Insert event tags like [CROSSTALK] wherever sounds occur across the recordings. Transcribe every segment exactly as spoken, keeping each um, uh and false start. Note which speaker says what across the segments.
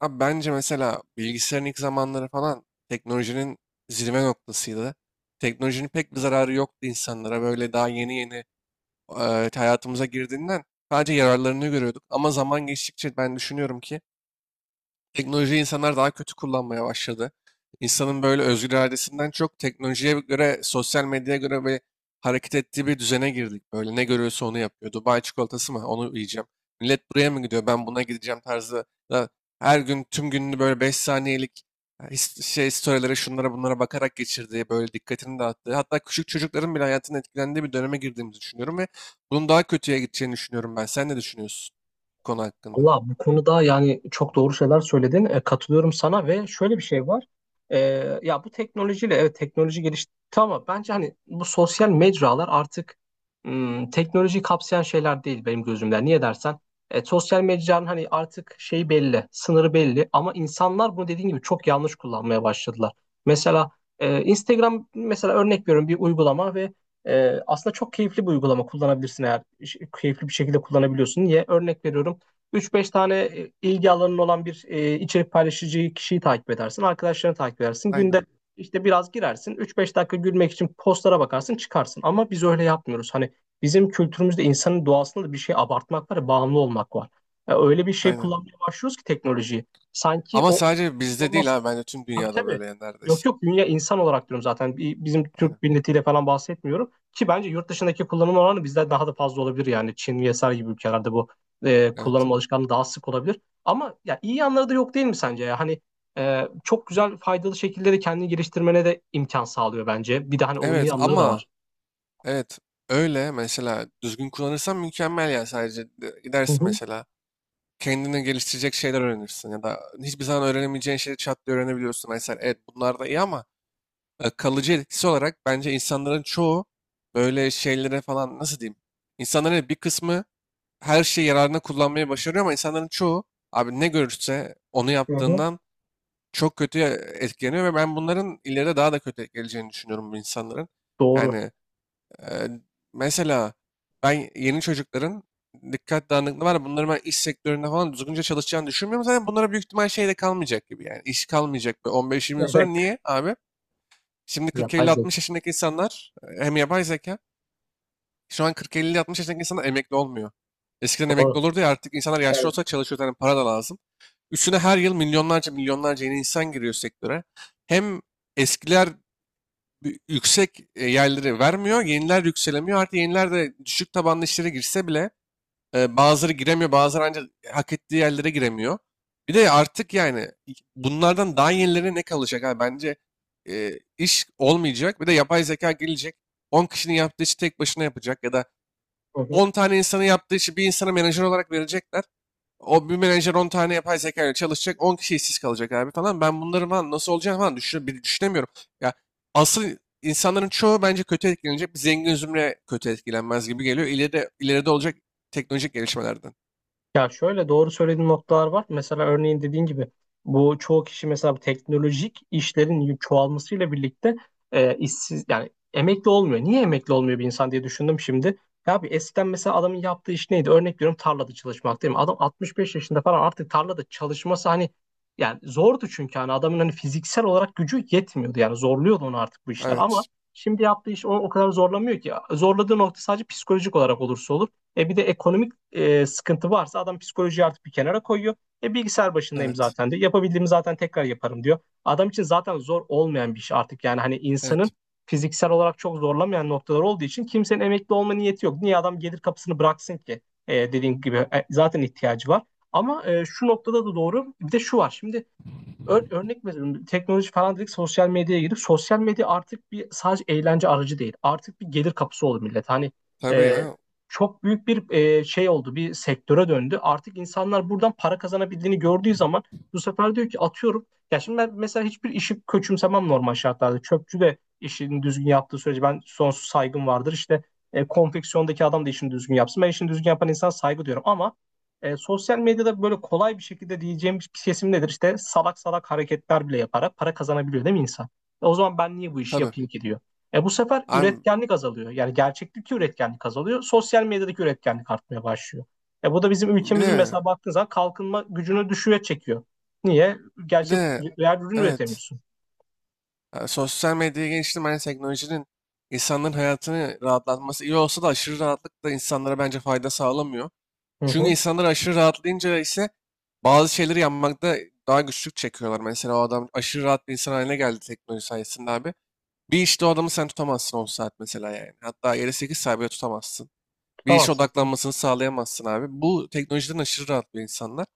Speaker 1: Abi bence mesela bilgisayarın ilk zamanları falan teknolojinin zirve noktasıydı. Teknolojinin pek bir zararı yoktu insanlara. Böyle daha yeni yeni e, hayatımıza girdiğinden sadece yararlarını görüyorduk. Ama zaman geçtikçe ben düşünüyorum ki Teknolojiyi insanlar daha kötü kullanmaya başladı. İnsanın böyle özgür iradesinden çok teknolojiye göre, sosyal medyaya göre böyle hareket ettiği bir düzene girdik. Böyle ne görüyorsa onu yapıyor. Dubai çikolatası mı? Onu yiyeceğim. Millet buraya mı gidiyor? Ben buna gideceğim tarzı. da Her gün tüm gününü böyle beş saniyelik e, his- şey storylere şunlara bunlara bakarak geçirdiği, böyle dikkatini dağıttığı, hatta küçük çocukların bile hayatının etkilendiği bir döneme girdiğimizi düşünüyorum ve bunun daha kötüye gideceğini düşünüyorum ben. Sen ne düşünüyorsun bu konu hakkında?
Speaker 2: Valla bu konuda yani çok doğru şeyler söyledin. E, katılıyorum sana ve şöyle bir şey var. E, ya bu teknolojiyle evet teknoloji gelişti ama bence hani bu sosyal mecralar artık hmm, teknolojiyi kapsayan şeyler değil benim gözümden. Niye dersen e, sosyal mecranın hani artık şeyi belli, sınırı belli ama insanlar bunu dediğin gibi çok yanlış kullanmaya başladılar. Mesela e, Instagram mesela örnek veriyorum bir uygulama ve e, aslında çok keyifli bir uygulama kullanabilirsin eğer keyifli bir şekilde kullanabiliyorsun. Niye? Örnek veriyorum. üç beş tane e, ilgi alanın olan bir e, içerik paylaşıcı kişiyi takip edersin. Arkadaşlarını takip edersin.
Speaker 1: Aynen,
Speaker 2: Günde işte biraz girersin. üç beş dakika gülmek için postlara bakarsın çıkarsın. Ama biz öyle yapmıyoruz. Hani bizim kültürümüzde insanın doğasında da bir şey abartmak var ya, bağımlı olmak var. Ya öyle bir şey
Speaker 1: aynen.
Speaker 2: kullanmaya başlıyoruz ki teknolojiyi. Sanki
Speaker 1: Ama
Speaker 2: o
Speaker 1: sadece bizde değil
Speaker 2: olmaz.
Speaker 1: ha, bence tüm
Speaker 2: Tabii,
Speaker 1: dünyada
Speaker 2: tabii.
Speaker 1: böyle yani
Speaker 2: Yok,
Speaker 1: neredeyse.
Speaker 2: yok, dünya insan olarak diyorum zaten. Bi- Bizim
Speaker 1: Aynen.
Speaker 2: Türk milletiyle falan bahsetmiyorum. Ki bence yurt dışındaki kullanım oranı bizden daha da fazla olabilir yani. Çin vesaire gibi ülkelerde bu e,
Speaker 1: Evet.
Speaker 2: kullanım alışkanlığı daha sık olabilir. Ama ya iyi yanları da yok değil mi sence ya? Hani e, çok güzel faydalı şekilde de kendini geliştirmene de imkan sağlıyor bence. Bir de hani olumlu
Speaker 1: Evet,
Speaker 2: yanları da
Speaker 1: ama
Speaker 2: var.
Speaker 1: evet, öyle mesela düzgün kullanırsan mükemmel yani sadece de-
Speaker 2: Hı
Speaker 1: gidersin
Speaker 2: hı,
Speaker 1: mesela kendini geliştirecek şeyler öğrenirsin ya da hiçbir zaman öğrenemeyeceğin şeyleri çat diye öğrenebiliyorsun. Mesela evet, bunlar da iyi ama e, kalıcı etkisi olarak bence insanların çoğu böyle şeylere falan nasıl diyeyim? İnsanların evet, bir kısmı her şeyi yararına kullanmayı başarıyor ama insanların çoğu abi ne görürse onu
Speaker 2: hı hı.
Speaker 1: yaptığından çok kötü etkileniyor ve ben bunların ileride daha da kötü geleceğini düşünüyorum bu insanların.
Speaker 2: Doğru.
Speaker 1: Yani e, mesela ben yeni çocukların dikkat dağınıklığı var. Ya, bunların ben iş sektöründe falan düzgünce çalışacağını düşünmüyorum. Zaten bunlara büyük ihtimal şey de kalmayacak gibi yani. İş kalmayacak bir on beş yirmi yıl sonra.
Speaker 2: Evet.
Speaker 1: Niye abi? Şimdi
Speaker 2: Yapay zeka.
Speaker 1: kırk elli-altmış yaşındaki insanlar e, hem yapay zeka şu an kırk elli-altmış yaşındaki insanlar emekli olmuyor. Eskiden emekli
Speaker 2: Doğru.
Speaker 1: olurdu ya, artık insanlar yaşlı
Speaker 2: Evet.
Speaker 1: olsa çalışıyor. Yani para da lazım. Üstüne her yıl milyonlarca milyonlarca yeni insan giriyor sektöre. Hem eskiler bir- yüksek e, yerleri vermiyor, yeniler yükselemiyor. Artık yeniler de düşük tabanlı işlere girse bile e, bazıları giremiyor, bazıları ancak hak ettiği yerlere giremiyor. Bir de artık yani bunlardan daha yenilerine ne kalacak abi? Bence e, iş olmayacak. Bir de yapay zeka gelecek. On kişinin yaptığı işi tek başına yapacak ya da
Speaker 2: Hı hı.
Speaker 1: on tane insanın yaptığı işi bir insana menajer olarak verecekler. O bir menajer on tane yapay zeka ile çalışacak. on kişi işsiz kalacak abi falan. Ben bunların falan nasıl olacağını falan düşün, bir düşünemiyorum. Ya, asıl insanların çoğu bence kötü etkilenecek. Bir zengin zümre kötü etkilenmez gibi geliyor. İleride, ileride olacak teknolojik gelişmelerden.
Speaker 2: Ya şöyle doğru söylediğin noktalar var. Mesela örneğin dediğin gibi bu çoğu kişi mesela bu teknolojik işlerin çoğalmasıyla birlikte e, işsiz yani emekli olmuyor. Niye emekli olmuyor bir insan diye düşündüm şimdi. Ya bir eskiden mesela adamın yaptığı iş neydi? Örnek veriyorum tarlada çalışmak değil mi? Adam altmış beş yaşında falan artık tarlada çalışması hani yani zordu, çünkü hani adamın hani fiziksel olarak gücü yetmiyordu. Yani zorluyordu onu artık bu işler, ama
Speaker 1: Evet.
Speaker 2: şimdi yaptığı iş onu o kadar zorlamıyor ki. Zorladığı nokta sadece psikolojik olarak olursa olur. E bir de ekonomik e, sıkıntı varsa adam psikolojiyi artık bir kenara koyuyor. E bilgisayar başındayım
Speaker 1: Evet.
Speaker 2: zaten diyor. Yapabildiğimi zaten tekrar yaparım diyor. Adam için zaten zor olmayan bir iş artık. Yani hani insanın
Speaker 1: Evet.
Speaker 2: fiziksel olarak çok zorlamayan noktalar olduğu için kimsenin emekli olma niyeti yok. Niye adam gelir kapısını bıraksın ki? E, dediğim gibi e, zaten ihtiyacı var. Ama e, şu noktada da doğru. Bir de şu var. Şimdi Ör- örnek veriyorum, teknoloji falan dedik, sosyal medyaya girip sosyal medya artık bir sadece eğlence aracı değil, artık bir gelir kapısı oldu millet. Hani
Speaker 1: Tabii
Speaker 2: e,
Speaker 1: ya.
Speaker 2: çok büyük bir e, şey oldu, bir sektöre döndü artık. İnsanlar buradan para kazanabildiğini gördüğü zaman bu sefer diyor ki, atıyorum, ya şimdi ben mesela hiçbir işi köçümsemem normal şartlarda, çöpçü de işini düzgün yaptığı sürece ben sonsuz saygım vardır. İşte e, konfeksiyondaki adam da işini düzgün yapsın, ben işini düzgün yapan insan saygı diyorum, ama e, sosyal medyada böyle kolay bir şekilde, diyeceğim bir kesim nedir? İşte salak salak hareketler bile yaparak para kazanabiliyor değil mi insan? E, o zaman ben niye bu işi
Speaker 1: Tabii.
Speaker 2: yapayım ki diyor. E, bu sefer
Speaker 1: Abi
Speaker 2: üretkenlik azalıyor. Yani gerçeklik üretkenlik azalıyor. Sosyal medyadaki üretkenlik artmaya başlıyor. E, bu da bizim
Speaker 1: bir
Speaker 2: ülkemizin,
Speaker 1: de
Speaker 2: mesela baktığın zaman, kalkınma gücünü düşüğe çekiyor. Niye?
Speaker 1: bir
Speaker 2: Gerçek,
Speaker 1: de
Speaker 2: real ürün
Speaker 1: evet.
Speaker 2: üretemiyorsun.
Speaker 1: Ha, sosyal medyaya geçtim. Hani teknolojinin insanların hayatını rahatlatması iyi olsa da aşırı rahatlık da insanlara bence fayda sağlamıyor.
Speaker 2: Hı
Speaker 1: Çünkü
Speaker 2: hı.
Speaker 1: insanlar aşırı rahatlayınca ise bazı şeyleri yapmakta daha güçlük çekiyorlar. Mesela o adam aşırı rahat bir insan haline geldi teknoloji sayesinde abi. Bir işte o adamı sen tutamazsın on saat mesela yani. Hatta yeri sekiz saat bile tutamazsın. Bir işe
Speaker 2: Tutamazsın, tabii.
Speaker 1: odaklanmasını sağlayamazsın abi. Bu teknolojiden aşırı rahat bir insanlar.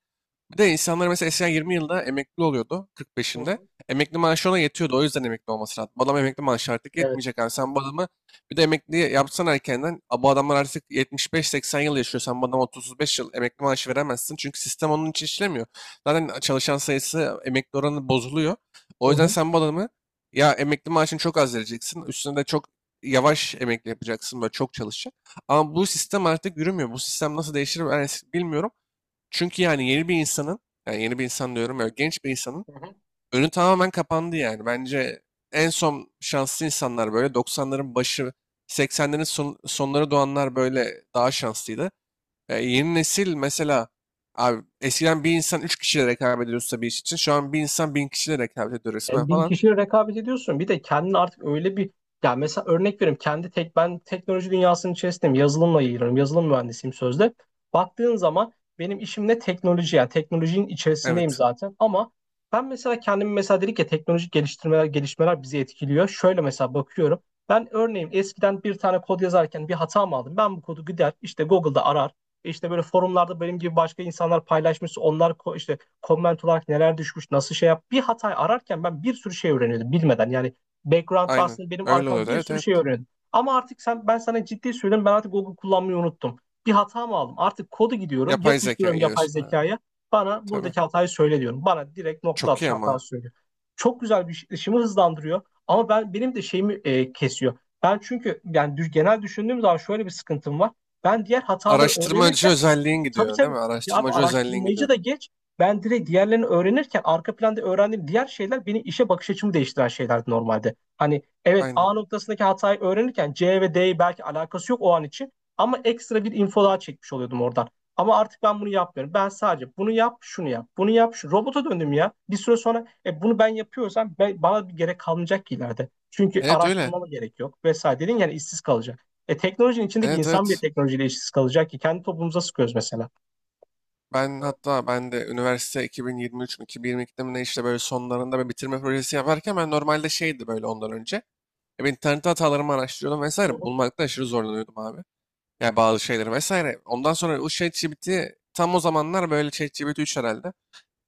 Speaker 1: Bir de insanlar mesela eskiden yirmi yılda emekli oluyordu
Speaker 2: Hı
Speaker 1: kırk beşinde.
Speaker 2: hı.
Speaker 1: Emekli maaşı ona yetiyordu. O yüzden emekli olması lazım. Bu adam emekli maaşı artık
Speaker 2: Evet.
Speaker 1: yetmeyecek abi. Sen bu adamı bir de emekli yapsan erkenden. "A, Bu adamlar artık yetmiş beş seksen yıl yaşıyor. Sen bu adama otuz beş yıl emekli maaşı veremezsin. Çünkü sistem onun için işlemiyor. Zaten çalışan sayısı emekli oranı bozuluyor.
Speaker 2: Hı
Speaker 1: O yüzden
Speaker 2: hı.
Speaker 1: sen bu adamı ya emekli maaşını çok az vereceksin. Üstüne de çok yavaş emekli yapacaksın. Böyle çok çalışacak. Ama bu sistem artık yürümüyor. Bu sistem nasıl değişir ben es- bilmiyorum. Çünkü yani yeni bir insanın, yani yeni bir insan diyorum ya, genç bir insanın
Speaker 2: Hı hı.
Speaker 1: önü tamamen kapandı yani. Bence en son şanslı insanlar böyle doksanların başı, seksenlerin son- sonları doğanlar böyle daha şanslıydı. E, yeni nesil mesela abi eskiden bir insan üç kişiyle rekabet ediyorsa bir iş için şu an bir insan bin kişiyle rekabet ediyor resmen
Speaker 2: E, bin
Speaker 1: falan.
Speaker 2: kişiyle rekabet ediyorsun. Bir de kendini artık öyle bir, ya mesela örnek vereyim, kendi tek ben teknoloji dünyasının içerisindeyim. Yazılımla ilgileniyorum. Yazılım mühendisiyim sözde. Baktığın zaman benim işim ne, teknoloji yani, teknolojinin içerisindeyim
Speaker 1: Evet,
Speaker 2: zaten, ama ben mesela kendimi, mesela dedik ya teknolojik geliştirmeler, gelişmeler bizi etkiliyor. Şöyle mesela bakıyorum. Ben örneğin eskiden bir tane kod yazarken bir hata mı aldım, ben bu kodu gider işte Google'da arar. İşte böyle forumlarda benim gibi başka insanlar paylaşmış. Onlar ko- işte comment olarak neler düşmüş, nasıl şey yap. Bir hatayı ararken ben bir sürü şey öğreniyordum bilmeden. Yani background'da
Speaker 1: aynen.
Speaker 2: aslında benim
Speaker 1: Öyle
Speaker 2: arkamda
Speaker 1: oluyordu.
Speaker 2: bir
Speaker 1: Evet,
Speaker 2: sürü
Speaker 1: evet.
Speaker 2: şey öğreniyordum. Ama artık sen, ben sana ciddi söylüyorum, ben artık Google kullanmayı unuttum. Bir hata mı aldım? Artık kodu gidiyorum,
Speaker 1: Yapay zeka
Speaker 2: yapıştırıyorum yapay
Speaker 1: geliyorsun. Evet,
Speaker 2: zekaya. Bana
Speaker 1: tabii.
Speaker 2: buradaki hatayı söyle diyorum. Bana direkt nokta
Speaker 1: Çok iyi
Speaker 2: atışı
Speaker 1: ama.
Speaker 2: hatası söylüyor. Çok güzel, bir işimi hızlandırıyor. Ama ben benim de şeyimi e, kesiyor. Ben çünkü yani genel düşündüğüm zaman şöyle bir sıkıntım var. Ben diğer hataları
Speaker 1: Araştırmacı
Speaker 2: öğrenirken.
Speaker 1: özelliğin
Speaker 2: Tabii,
Speaker 1: gidiyor, değil
Speaker 2: tabii.
Speaker 1: mi?
Speaker 2: Ya abi,
Speaker 1: Araştırmacı özelliğin
Speaker 2: araştırmacı
Speaker 1: gidiyor.
Speaker 2: da geç. Ben direkt diğerlerini öğrenirken arka planda öğrendiğim diğer şeyler, beni işe bakış açımı değiştiren şeylerdi normalde. Hani evet,
Speaker 1: Aynen.
Speaker 2: A noktasındaki hatayı öğrenirken C ve D'yi, belki alakası yok o an için, ama ekstra bir info daha çekmiş oluyordum oradan. Ama artık ben bunu yapmıyorum. Ben sadece bunu yap, şunu yap, bunu yap, şu robota döndüm ya. Bir süre sonra e, bunu ben yapıyorsam, ben, bana bir gerek kalmayacak ki ileride. Çünkü
Speaker 1: Evet öyle.
Speaker 2: araştırmama gerek yok, vesaire dedin, yani işsiz kalacak. E teknolojinin içindeki
Speaker 1: Evet,
Speaker 2: insan bir
Speaker 1: evet.
Speaker 2: teknolojiyle işsiz kalacak ki, kendi toplumumuza sıkıyoruz mesela.
Speaker 1: Ben hatta ben de üniversite iki bin yirmi üç mü, iki bin yirmi ikide mi, ne, işte böyle sonlarında bir bitirme projesi yaparken ben normalde şeydi böyle ondan önce. E, ben internette hatalarımı araştırıyordum
Speaker 2: Hı
Speaker 1: vesaire.
Speaker 2: hı.
Speaker 1: Bulmakta aşırı zorlanıyordum abi. Yani bazı şeyleri vesaire. Ondan sonra o ChatGPT, tam o zamanlar böyle ChatGPT üç herhalde.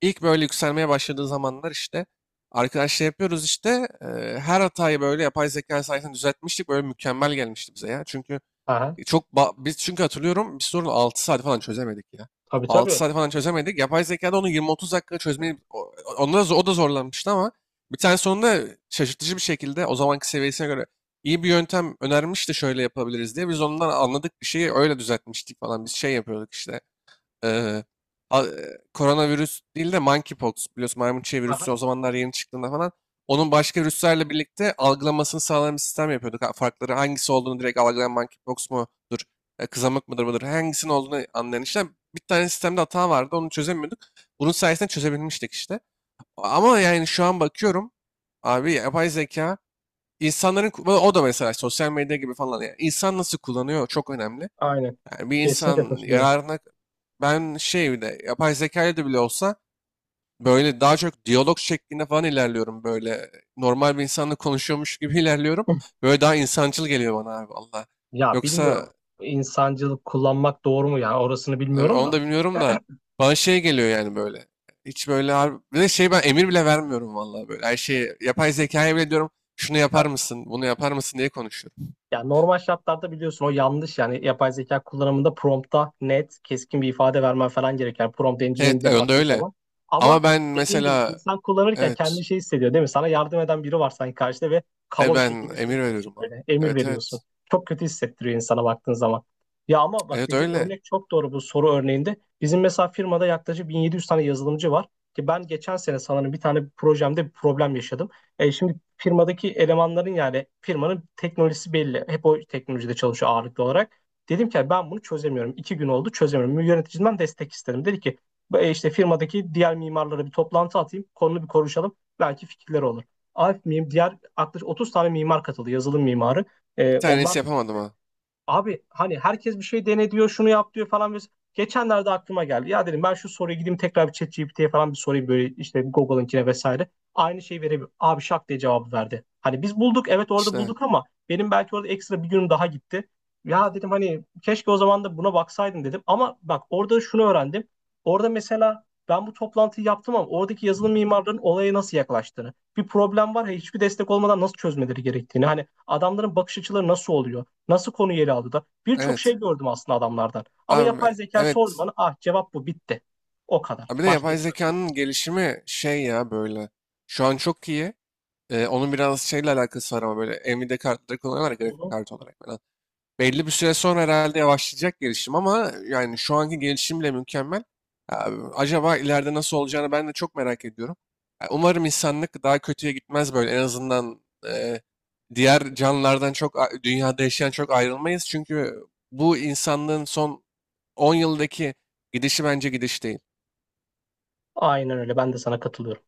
Speaker 1: İlk böyle yükselmeye başladığı zamanlar işte arkadaşlar yapıyoruz işte e, her hatayı böyle yapay zeka sayesinde düzeltmiştik. Böyle mükemmel gelmişti bize ya. Çünkü
Speaker 2: Aha,
Speaker 1: E, Çok ba- biz çünkü hatırlıyorum bir sorunu altı saat falan çözemedik ya.
Speaker 2: tabii,
Speaker 1: Altı
Speaker 2: tabii.
Speaker 1: saat falan çözemedik. Yapay zekada onu yirmi otuz dakika çözmeyi o- onda da, o da zorlanmıştı ama bir tane sonunda şaşırtıcı bir şekilde o zamanki seviyesine göre iyi bir yöntem önermişti şöyle yapabiliriz diye. Biz ondan anladık bir şeyi öyle düzeltmiştik falan. Biz şey yapıyorduk işte. Ee, a- e, koronavirüs değil de monkeypox biliyorsun, maymun çiğ
Speaker 2: Aha,
Speaker 1: virüsü o zamanlar yeni çıktığında falan. Onun başka virüslerle birlikte algılamasını sağlayan bir sistem yapıyorduk. Ha, farkları hangisi olduğunu direkt algılayan monkeypox mudur, e, kızamık mıdır mıdır hangisinin olduğunu anlayan işte bir tane sistemde hata vardı, onu çözemiyorduk. Bunun sayesinde çözebilmiştik işte. Ama yani şu an bakıyorum abi yapay zeka insanların ku- o da mesela sosyal medya gibi falan yani insan nasıl kullanıyor çok önemli.
Speaker 2: aynen.
Speaker 1: Yani bir
Speaker 2: Kesinlikle
Speaker 1: insan
Speaker 2: katılıyorum.
Speaker 1: yararına ben şey, bir de yapay zeka ile de bile olsa böyle daha çok diyalog şeklinde falan ilerliyorum böyle. Normal bir insanla konuşuyormuş gibi [LAUGHS] ilerliyorum. Böyle daha insancıl geliyor bana abi valla.
Speaker 2: Ya
Speaker 1: Yoksa
Speaker 2: bilmiyorum. İnsancılık kullanmak doğru mu, yani orasını
Speaker 1: e,
Speaker 2: bilmiyorum
Speaker 1: onu
Speaker 2: da.
Speaker 1: da bilmiyorum da bana şey geliyor yani böyle. Hiç böyle abi. Bir de şey, ben emir bile vermiyorum valla böyle. Her şeyi yapay zekaya bile diyorum şunu yapar mısın, bunu yapar mısın diye konuşuyorum.
Speaker 2: Ya normal şartlarda biliyorsun o yanlış, yani yapay zeka kullanımında prompta net keskin bir ifade vermen falan gerekiyor. Yani prompt
Speaker 1: Evet,
Speaker 2: engineering'e
Speaker 1: e, onda
Speaker 2: baktığı
Speaker 1: öyle.
Speaker 2: zaman.
Speaker 1: Ama
Speaker 2: Ama
Speaker 1: ben
Speaker 2: dediğin gibi
Speaker 1: mesela
Speaker 2: insan kullanırken
Speaker 1: evet,
Speaker 2: kendi şey hissediyor değil mi? Sana yardım eden biri var sanki karşıda ve
Speaker 1: e
Speaker 2: kaba bir
Speaker 1: ben
Speaker 2: şekilde şey
Speaker 1: emir
Speaker 2: yapıyorsun,
Speaker 1: veriyorum abi.
Speaker 2: böyle emir
Speaker 1: Evet,
Speaker 2: veriyorsun.
Speaker 1: evet.
Speaker 2: Çok kötü hissettiriyor insana baktığın zaman. Ya ama bak,
Speaker 1: Evet
Speaker 2: dediğin
Speaker 1: öyle.
Speaker 2: örnek çok doğru bu soru örneğinde. Bizim mesela firmada yaklaşık bin yedi yüz tane yazılımcı var. Ki ben geçen sene sanırım bir tane projemde bir problem yaşadım. E şimdi firmadaki elemanların, yani firmanın teknolojisi belli. Hep o teknolojide çalışıyor ağırlıklı olarak. Dedim ki ben bunu çözemiyorum. İki gün oldu çözemiyorum. Yöneticimden destek istedim. Dedi ki "E, işte firmadaki diğer mimarlara bir toplantı atayım. Konunu bir konuşalım. Belki fikirleri olur." Alp miyim? Diğer yaklaşık otuz tane mimar katıldı. Yazılım mimarı.
Speaker 1: Bir
Speaker 2: E, onlar
Speaker 1: tanesi yapamadım ha.
Speaker 2: Abi hani herkes bir şey dene diyor, şunu yap diyor falan. ves- Geçenlerde aklıma geldi. Ya dedim, ben şu soruyu gideyim tekrar bir ChatGPT'ye falan bir sorayım, böyle işte Google'ınkine vesaire. Aynı şeyi verebilir. Abi şak diye cevabı verdi. Hani biz bulduk, evet orada
Speaker 1: İşte
Speaker 2: bulduk, ama benim belki orada ekstra bir günüm daha gitti. Ya dedim, hani keşke o zaman da buna baksaydım dedim. Ama bak, orada şunu öğrendim. Orada mesela ben bu toplantıyı yaptım, ama oradaki yazılım mimarlarının olaya nasıl yaklaştığını, bir problem var ya, hiçbir destek olmadan nasıl çözmeleri gerektiğini, hani adamların bakış açıları nasıl oluyor? Nasıl konu ele aldı da? Birçok şey
Speaker 1: evet.
Speaker 2: gördüm aslında adamlardan. Ama
Speaker 1: Abi
Speaker 2: yapay zeka sordu
Speaker 1: evet.
Speaker 2: bana. Ah, cevap bu, bitti. O kadar.
Speaker 1: Abi de
Speaker 2: Başka
Speaker 1: yapay
Speaker 2: ekstra sorun.
Speaker 1: zekanın gelişimi şey ya böyle. Şu an çok iyi. Ee, onun biraz şeyle alakası var ama böyle Nvidia kartları kullanıyorlar ya, grafik
Speaker 2: Yok.
Speaker 1: kartı olarak. Belli bir süre sonra herhalde yavaşlayacak gelişim ama yani şu anki gelişim bile mükemmel. Ya, acaba ileride nasıl olacağını ben de çok merak ediyorum. Ya, umarım insanlık daha kötüye gitmez böyle. En azından e, diğer canlılardan çok a- dünyada yaşayan çok ayrılmayız. Çünkü bu insanlığın son on yıldaki gidişi bence gidiş değil.
Speaker 2: Aynen öyle. Ben de sana katılıyorum.